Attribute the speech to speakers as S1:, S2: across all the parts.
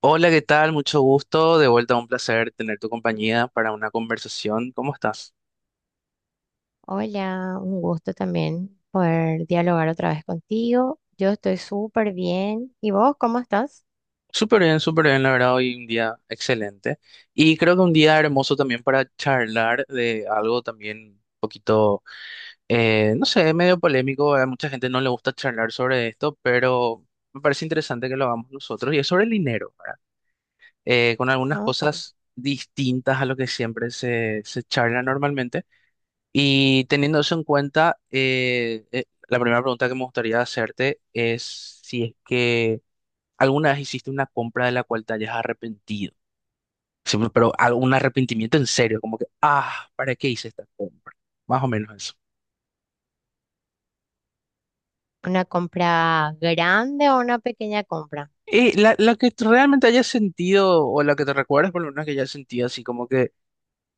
S1: Hola, ¿qué tal? Mucho gusto. De vuelta, un placer tener tu compañía para una conversación. ¿Cómo estás?
S2: Hola, un gusto también poder dialogar otra vez contigo. Yo estoy súper bien. ¿Y vos cómo estás?
S1: Súper bien, la verdad, hoy un día excelente. Y creo que un día hermoso también para charlar de algo también un poquito, no sé, medio polémico. A mucha gente no le gusta charlar sobre esto, pero me parece interesante que lo hagamos nosotros. Y es sobre el dinero, ¿verdad? Con algunas
S2: No, súper.
S1: cosas distintas a lo que siempre se charla normalmente. Y teniendo eso en cuenta, la primera pregunta que me gustaría hacerte es si es que alguna vez hiciste una compra de la cual te hayas arrepentido. Sí, pero algún arrepentimiento en serio, como que, ah, ¿para qué hice esta compra? Más o menos eso.
S2: ¿Una compra grande o una pequeña compra?
S1: Y la que tú realmente hayas sentido, o la que te recuerdes, por lo menos que hayas sentido así como que,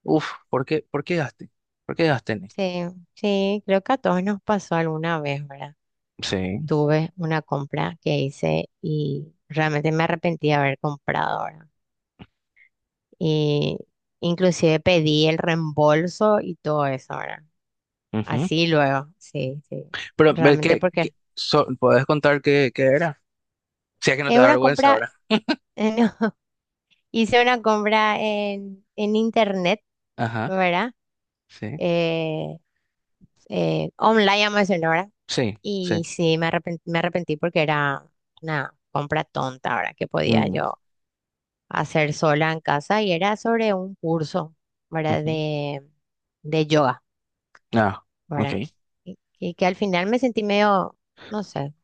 S1: uff, ¿por qué gasté? ¿Por qué gasté en esto?
S2: Sí, sí, creo que a todos nos pasó alguna vez, ¿verdad?
S1: Sí.
S2: Tuve una compra que hice y realmente me arrepentí de haber comprado, ¿verdad? Y inclusive pedí el reembolso y todo eso, ¿verdad?
S1: Ujú.
S2: Así luego, sí.
S1: Pero, ve,
S2: Realmente porque
S1: puedes contar qué era? Si es que no te
S2: es
S1: da
S2: una
S1: vergüenza
S2: compra...
S1: ahora.
S2: Hice una compra en, internet,
S1: Ajá,
S2: ¿verdad?
S1: sí.
S2: Eh, online, vamos a decirlo, ¿verdad?
S1: Sí, sí.
S2: Y sí, me arrepentí porque era una compra tonta, ¿verdad? Que podía
S1: Mm,
S2: yo hacer sola en casa y era sobre un curso, ¿verdad?
S1: ujú.
S2: De yoga,
S1: Ah, ok.
S2: ¿verdad? Y, que al final me sentí medio, no sé.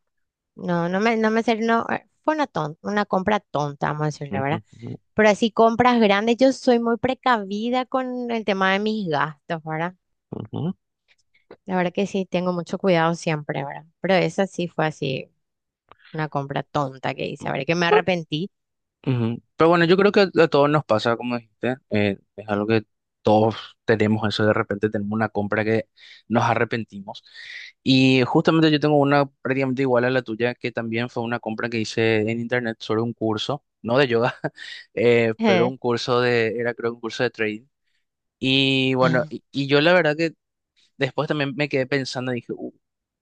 S2: No me salió, no, fue una compra tonta, vamos a decirle, ¿verdad?
S1: Ujú, ujú,
S2: Pero así compras grandes, yo soy muy precavida con el tema de mis gastos, ¿verdad?
S1: ujú.
S2: La verdad que sí, tengo mucho cuidado siempre, ¿verdad? Pero esa sí fue así, una compra tonta que hice, ¿verdad? Que me arrepentí.
S1: Ujú. Pero bueno, yo creo que a todos nos pasa, como dijiste, es algo que todos tenemos eso, de repente tenemos una compra que nos arrepentimos. Y justamente yo tengo una prácticamente igual a la tuya, que también fue una compra que hice en internet sobre un curso, no de yoga, pero un curso de, era creo un curso de trading. Y bueno,
S2: Ah,
S1: y yo la verdad que. Después también me quedé pensando y dije,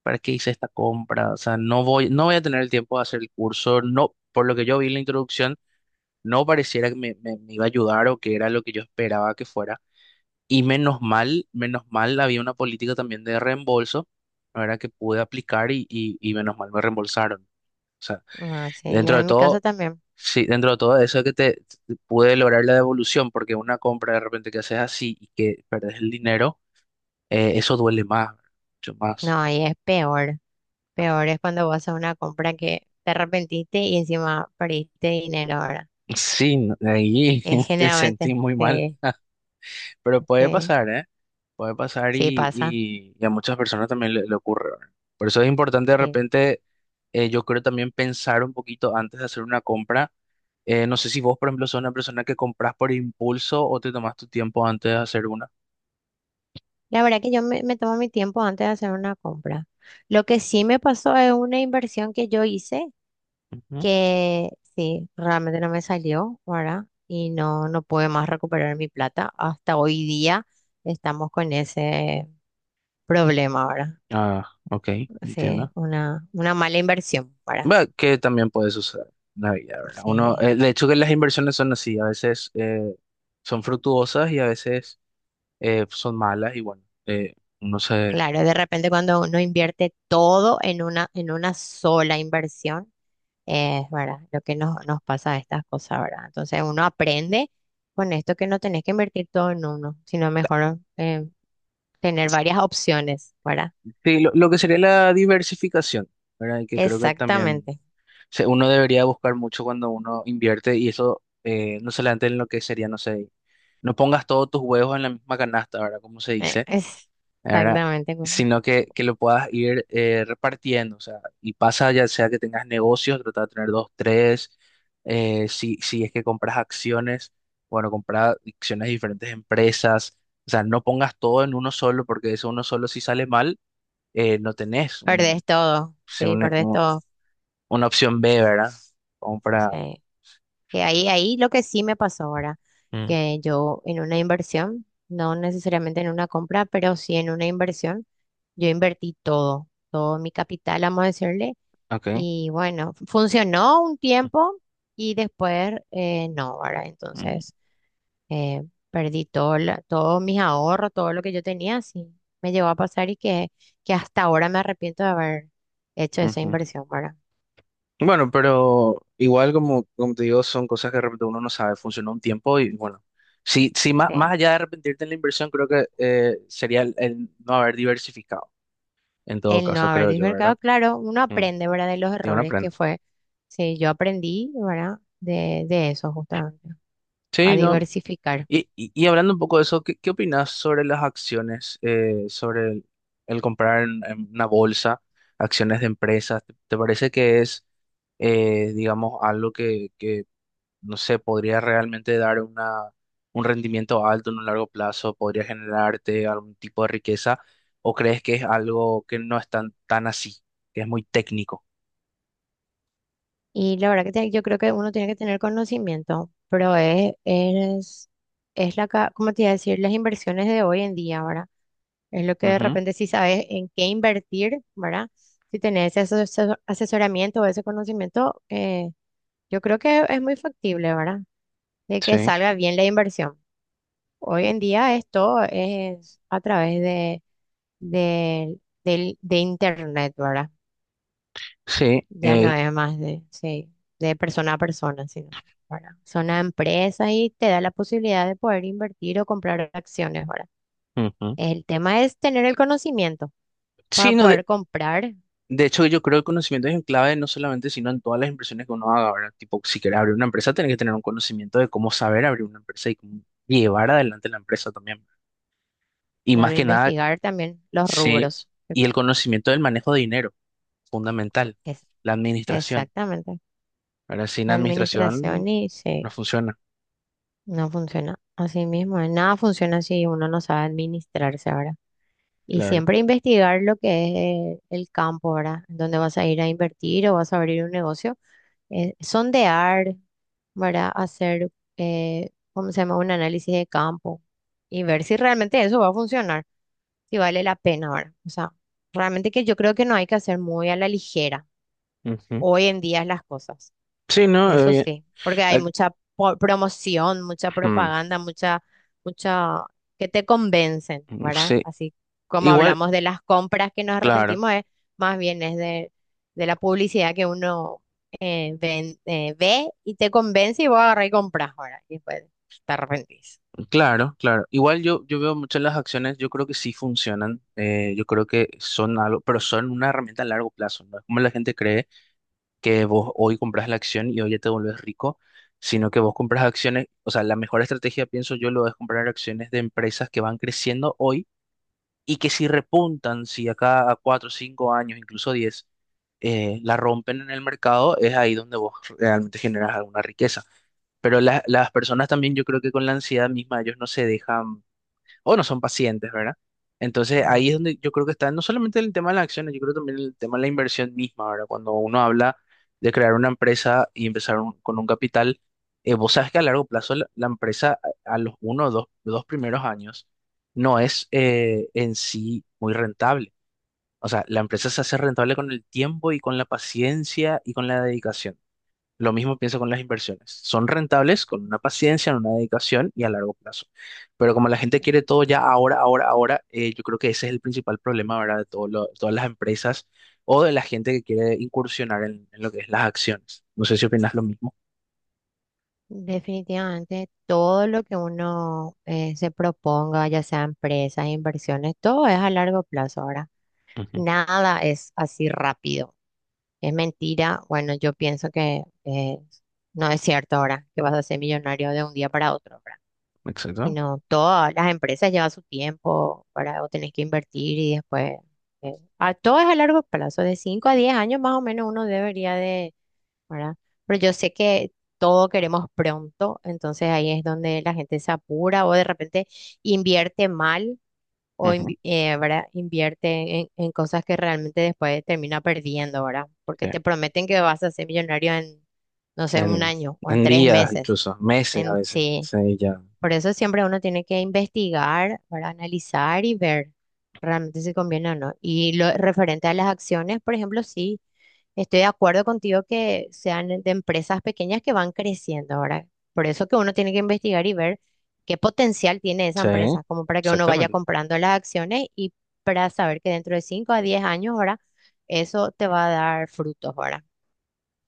S1: ¿para qué hice esta compra? O sea, no voy a tener el tiempo de hacer el curso. No, por lo que yo vi en la introducción, no pareciera que me iba a ayudar o que era lo que yo esperaba que fuera. Y menos mal había una política también de reembolso, ¿verdad? Que pude aplicar y menos mal me reembolsaron. O sea,
S2: no, sí, no,
S1: dentro de
S2: en mi caso
S1: todo,
S2: también.
S1: sí, dentro de todo eso que pude lograr la devolución, porque una compra de repente que haces así y que perdes el dinero, eso duele más, mucho más.
S2: No, ahí es peor. Peor es cuando vas a una compra que te arrepentiste y encima perdiste dinero, ahora.
S1: Sí, ahí te sentí
S2: Generalmente,
S1: muy mal,
S2: sí,
S1: pero puede
S2: sí,
S1: pasar, ¿eh? Puede pasar
S2: sí
S1: y,
S2: pasa,
S1: y, y a muchas personas también le ocurre, ¿verdad? Por eso es importante de
S2: sí.
S1: repente, yo creo también pensar un poquito antes de hacer una compra. No sé si vos, por ejemplo, sos una persona que compras por impulso o te tomas tu tiempo antes de hacer una.
S2: La verdad que me tomo mi tiempo antes de hacer una compra. Lo que sí me pasó es una inversión que yo hice
S1: Ujú.
S2: que sí, realmente no me salió, ¿verdad? Y no, no pude más recuperar mi plata. Hasta hoy día estamos con ese problema, ¿verdad?
S1: Ah, ok, entiendo.
S2: Sí, una mala inversión, ¿verdad?
S1: Bueno, que también puede suceder en la vida, ¿verdad? Uno,
S2: Sí,
S1: de hecho que las inversiones son así, a veces son fructuosas y a veces son malas y bueno, uno se...
S2: claro, de repente cuando uno invierte todo en una sola inversión. Es verdad, lo que nos pasa a estas cosas, ¿verdad? Entonces uno aprende con esto que no tenés que invertir todo en uno, sino mejor tener varias opciones, ¿verdad?
S1: Sí, lo que sería la diversificación, ¿verdad? Y que creo que también
S2: Exactamente,
S1: uno debería buscar mucho cuando uno invierte y eso, no solamente en lo que sería, no sé, no pongas todos tus huevos en la misma canasta, ¿verdad? Como se
S2: eh,
S1: dice,
S2: es-
S1: ¿verdad?
S2: exactamente.
S1: Sino que lo puedas ir, repartiendo, o sea, y pasa ya sea que tengas negocios, trata de tener dos, tres, si es que compras acciones, bueno, comprar acciones de diferentes empresas, o sea, no pongas todo en uno solo, porque eso uno solo si sale mal, no tenés un,
S2: Perdés todo,
S1: si
S2: sí,
S1: un-
S2: perdés
S1: un-
S2: todo.
S1: una opción B, ¿verdad? Compra.
S2: Sí. Que ahí lo que sí me pasó ahora,
S1: Mm,
S2: que yo en una inversión, no necesariamente en una compra, pero sí en una inversión, yo invertí todo, todo mi capital, vamos a decirle.
S1: ok.
S2: Y bueno, funcionó un tiempo y después no, ¿verdad?
S1: Mm,
S2: Entonces eh, perdí todos mis ahorros, todo lo que yo tenía, sí, me llegó a pasar y que hasta ahora me arrepiento de haber hecho esa
S1: ujú.
S2: inversión, ¿verdad?
S1: Bueno, pero igual como te digo, son cosas que de repente uno no sabe, funcionó un tiempo y bueno, sí, sí, más,
S2: Sí.
S1: más allá de arrepentirte en la inversión, creo que, sería el no haber diversificado, en todo
S2: El no
S1: caso,
S2: haber
S1: creo yo, ¿verdad?
S2: diversificado, claro, uno
S1: Mm,
S2: aprende, ¿verdad? De los
S1: y uno
S2: errores que
S1: aprende.
S2: fue. Sí, yo aprendí, ¿verdad? De eso justamente,
S1: Sí,
S2: a
S1: no.
S2: diversificar.
S1: Y hablando un poco de eso, ¿qué opinas sobre las acciones, sobre el comprar en una bolsa, acciones de empresas? ¿Te parece que es, digamos, algo que no sé, podría realmente dar un rendimiento alto en un largo plazo, podría generarte algún tipo de riqueza, o crees que es algo que no es tan, tan así, que es muy técnico?
S2: Y la verdad que yo creo que uno tiene que tener conocimiento, pero es como te iba a decir, las inversiones de hoy en día, ¿verdad? Es lo que de
S1: Ujú.
S2: repente si sabes en qué invertir, ¿verdad? Si tenés ese asesoramiento o ese conocimiento, yo creo que es muy factible, ¿verdad? De que
S1: Sí.
S2: salga bien la inversión. Hoy en día esto es a través de, de internet, ¿verdad?
S1: Sí,
S2: Ya no es más de, sí, de persona a persona, sino, ¿verdad? Son a empresas y te da la posibilidad de poder invertir o comprar acciones, ¿verdad?
S1: ujú.
S2: El tema es tener el conocimiento para
S1: Sí, no, de,
S2: poder comprar,
S1: de hecho yo creo que el conocimiento es en clave no solamente, sino en todas las inversiones que uno haga, ¿verdad? Tipo, si quieres abrir una empresa, tienes que tener un conocimiento de cómo saber abrir una empresa y cómo llevar adelante la empresa también. Y más
S2: claro,
S1: que nada,
S2: investigar también los
S1: sí,
S2: rubros.
S1: y el conocimiento del manejo de dinero. Fundamental,
S2: Es,
S1: la administración.
S2: exactamente.
S1: Ahora, sin
S2: La administración
S1: administración
S2: y
S1: no
S2: sí,
S1: funciona,
S2: no funciona así mismo. Nada funciona si uno no sabe administrarse, ahora. Y
S1: claro.
S2: siempre investigar lo que es el campo, ¿verdad? Donde vas a ir a invertir o vas a abrir un negocio, sondear, ¿verdad? Hacer, ¿cómo se llama? Un análisis de campo y ver si realmente eso va a funcionar, si vale la pena, ¿verdad? O sea, realmente que yo creo que no hay que hacer muy a la ligera
S1: Ujú.
S2: hoy en día las cosas.
S1: Sí, no,
S2: Eso sí, porque hay
S1: Ac-
S2: mucha promoción, mucha
S1: mm,
S2: propaganda, mucha que te convencen,
S1: mm,
S2: ¿verdad?
S1: sí,
S2: Así como
S1: igual,
S2: hablamos de las compras que nos
S1: claro,
S2: arrepentimos, es, más bien es de la publicidad que uno ve y te convence y vos agarrás y compras, ¿verdad? Y después te arrepentís.
S1: claro, claro. Igual yo, yo veo muchas las acciones, yo creo que sí funcionan, yo creo que son algo, pero son una herramienta a largo plazo, ¿no? Es como la gente cree que vos hoy compras la acción y hoy ya te volvés rico, sino que vos compras acciones, o sea, la mejor estrategia, pienso yo, lo es comprar acciones de empresas que van creciendo hoy y que si repuntan, si acá a 4, 5 años, incluso 10, la rompen en el mercado, es ahí donde vos realmente generas alguna riqueza. Pero las personas también, yo creo que con la ansiedad misma, ellos no se dejan o no son pacientes, ¿verdad? Entonces ahí es
S2: Mm.
S1: donde yo creo que está no solamente el tema de las acciones, yo creo también el tema de la inversión misma, ¿verdad? Cuando uno habla de crear una empresa y empezar con un capital, vos sabes que a largo plazo la empresa a los dos primeros años no es, en sí muy rentable. O sea, la empresa se hace rentable con el tiempo y con la paciencia y con la dedicación. Lo mismo pienso con las inversiones. Son rentables con una paciencia, una dedicación y a largo plazo. Pero como la gente quiere todo ya ahora, ahora, ahora, yo creo que ese es el principal problema, ¿verdad? De todo todas las empresas o de la gente que quiere incursionar en lo que es las acciones. No sé si opinas lo mismo.
S2: Definitivamente, todo lo que uno se proponga, ya sea empresas, inversiones, todo es a largo plazo ahora.
S1: Ujú.
S2: Nada es así rápido. Es mentira. Bueno, yo pienso que no es cierto ahora que vas a ser millonario de un día para otro, ¿verdad?
S1: Exacto.
S2: Sino todas las empresas llevan su tiempo, para. O tenés que invertir y después... todo es a largo plazo, de 5 a 10 años más o menos uno debería de, ¿verdad? Pero yo sé que todo queremos pronto, entonces ahí es donde la gente se apura o de repente invierte mal o
S1: Ujú.
S2: ¿verdad? Invierte en, cosas que realmente después termina perdiendo, ¿verdad? Porque
S1: Sí.
S2: te prometen que vas a ser millonario en, no sé, un
S1: En,
S2: año o en
S1: en
S2: tres
S1: días,
S2: meses.
S1: incluso meses a veces.
S2: Sí,
S1: Sí, ya.
S2: por eso siempre uno tiene que investigar, ¿verdad? Analizar y ver realmente si conviene o no. Y lo referente a las acciones, por ejemplo, sí. Estoy de acuerdo contigo que sean de empresas pequeñas que van creciendo ahora. Por eso que uno tiene que investigar y ver qué potencial tiene esa
S1: Sí,
S2: empresa, como para que uno vaya
S1: exactamente.
S2: comprando las acciones y para saber que dentro de 5 a 10 años ahora eso te va a dar frutos ahora.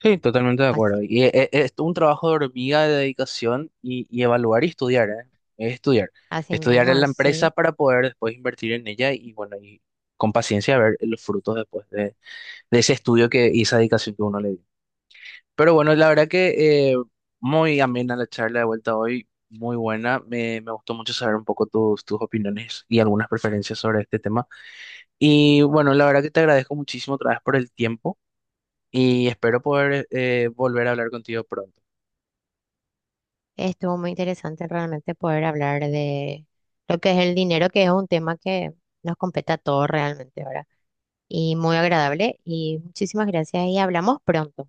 S1: Sí, totalmente de acuerdo.
S2: Así,
S1: Y es un trabajo de hormiga de dedicación y evaluar y estudiar, ¿eh? Es estudiar.
S2: así
S1: Estudiar
S2: mismo,
S1: en la empresa
S2: así.
S1: para poder después invertir en ella y bueno, y con paciencia ver los frutos después de ese estudio y esa dedicación que uno le dio. Pero bueno, la verdad que, muy amena la charla de vuelta hoy, muy buena. Me gustó mucho saber un poco tus, tus opiniones y algunas preferencias sobre este tema. Y bueno, la verdad que te agradezco muchísimo otra vez por el tiempo y espero poder, volver a hablar contigo pronto.
S2: Estuvo muy interesante realmente poder hablar de lo que es el dinero, que es un tema que nos compete a todos realmente ahora. Y muy agradable y muchísimas gracias y hablamos pronto.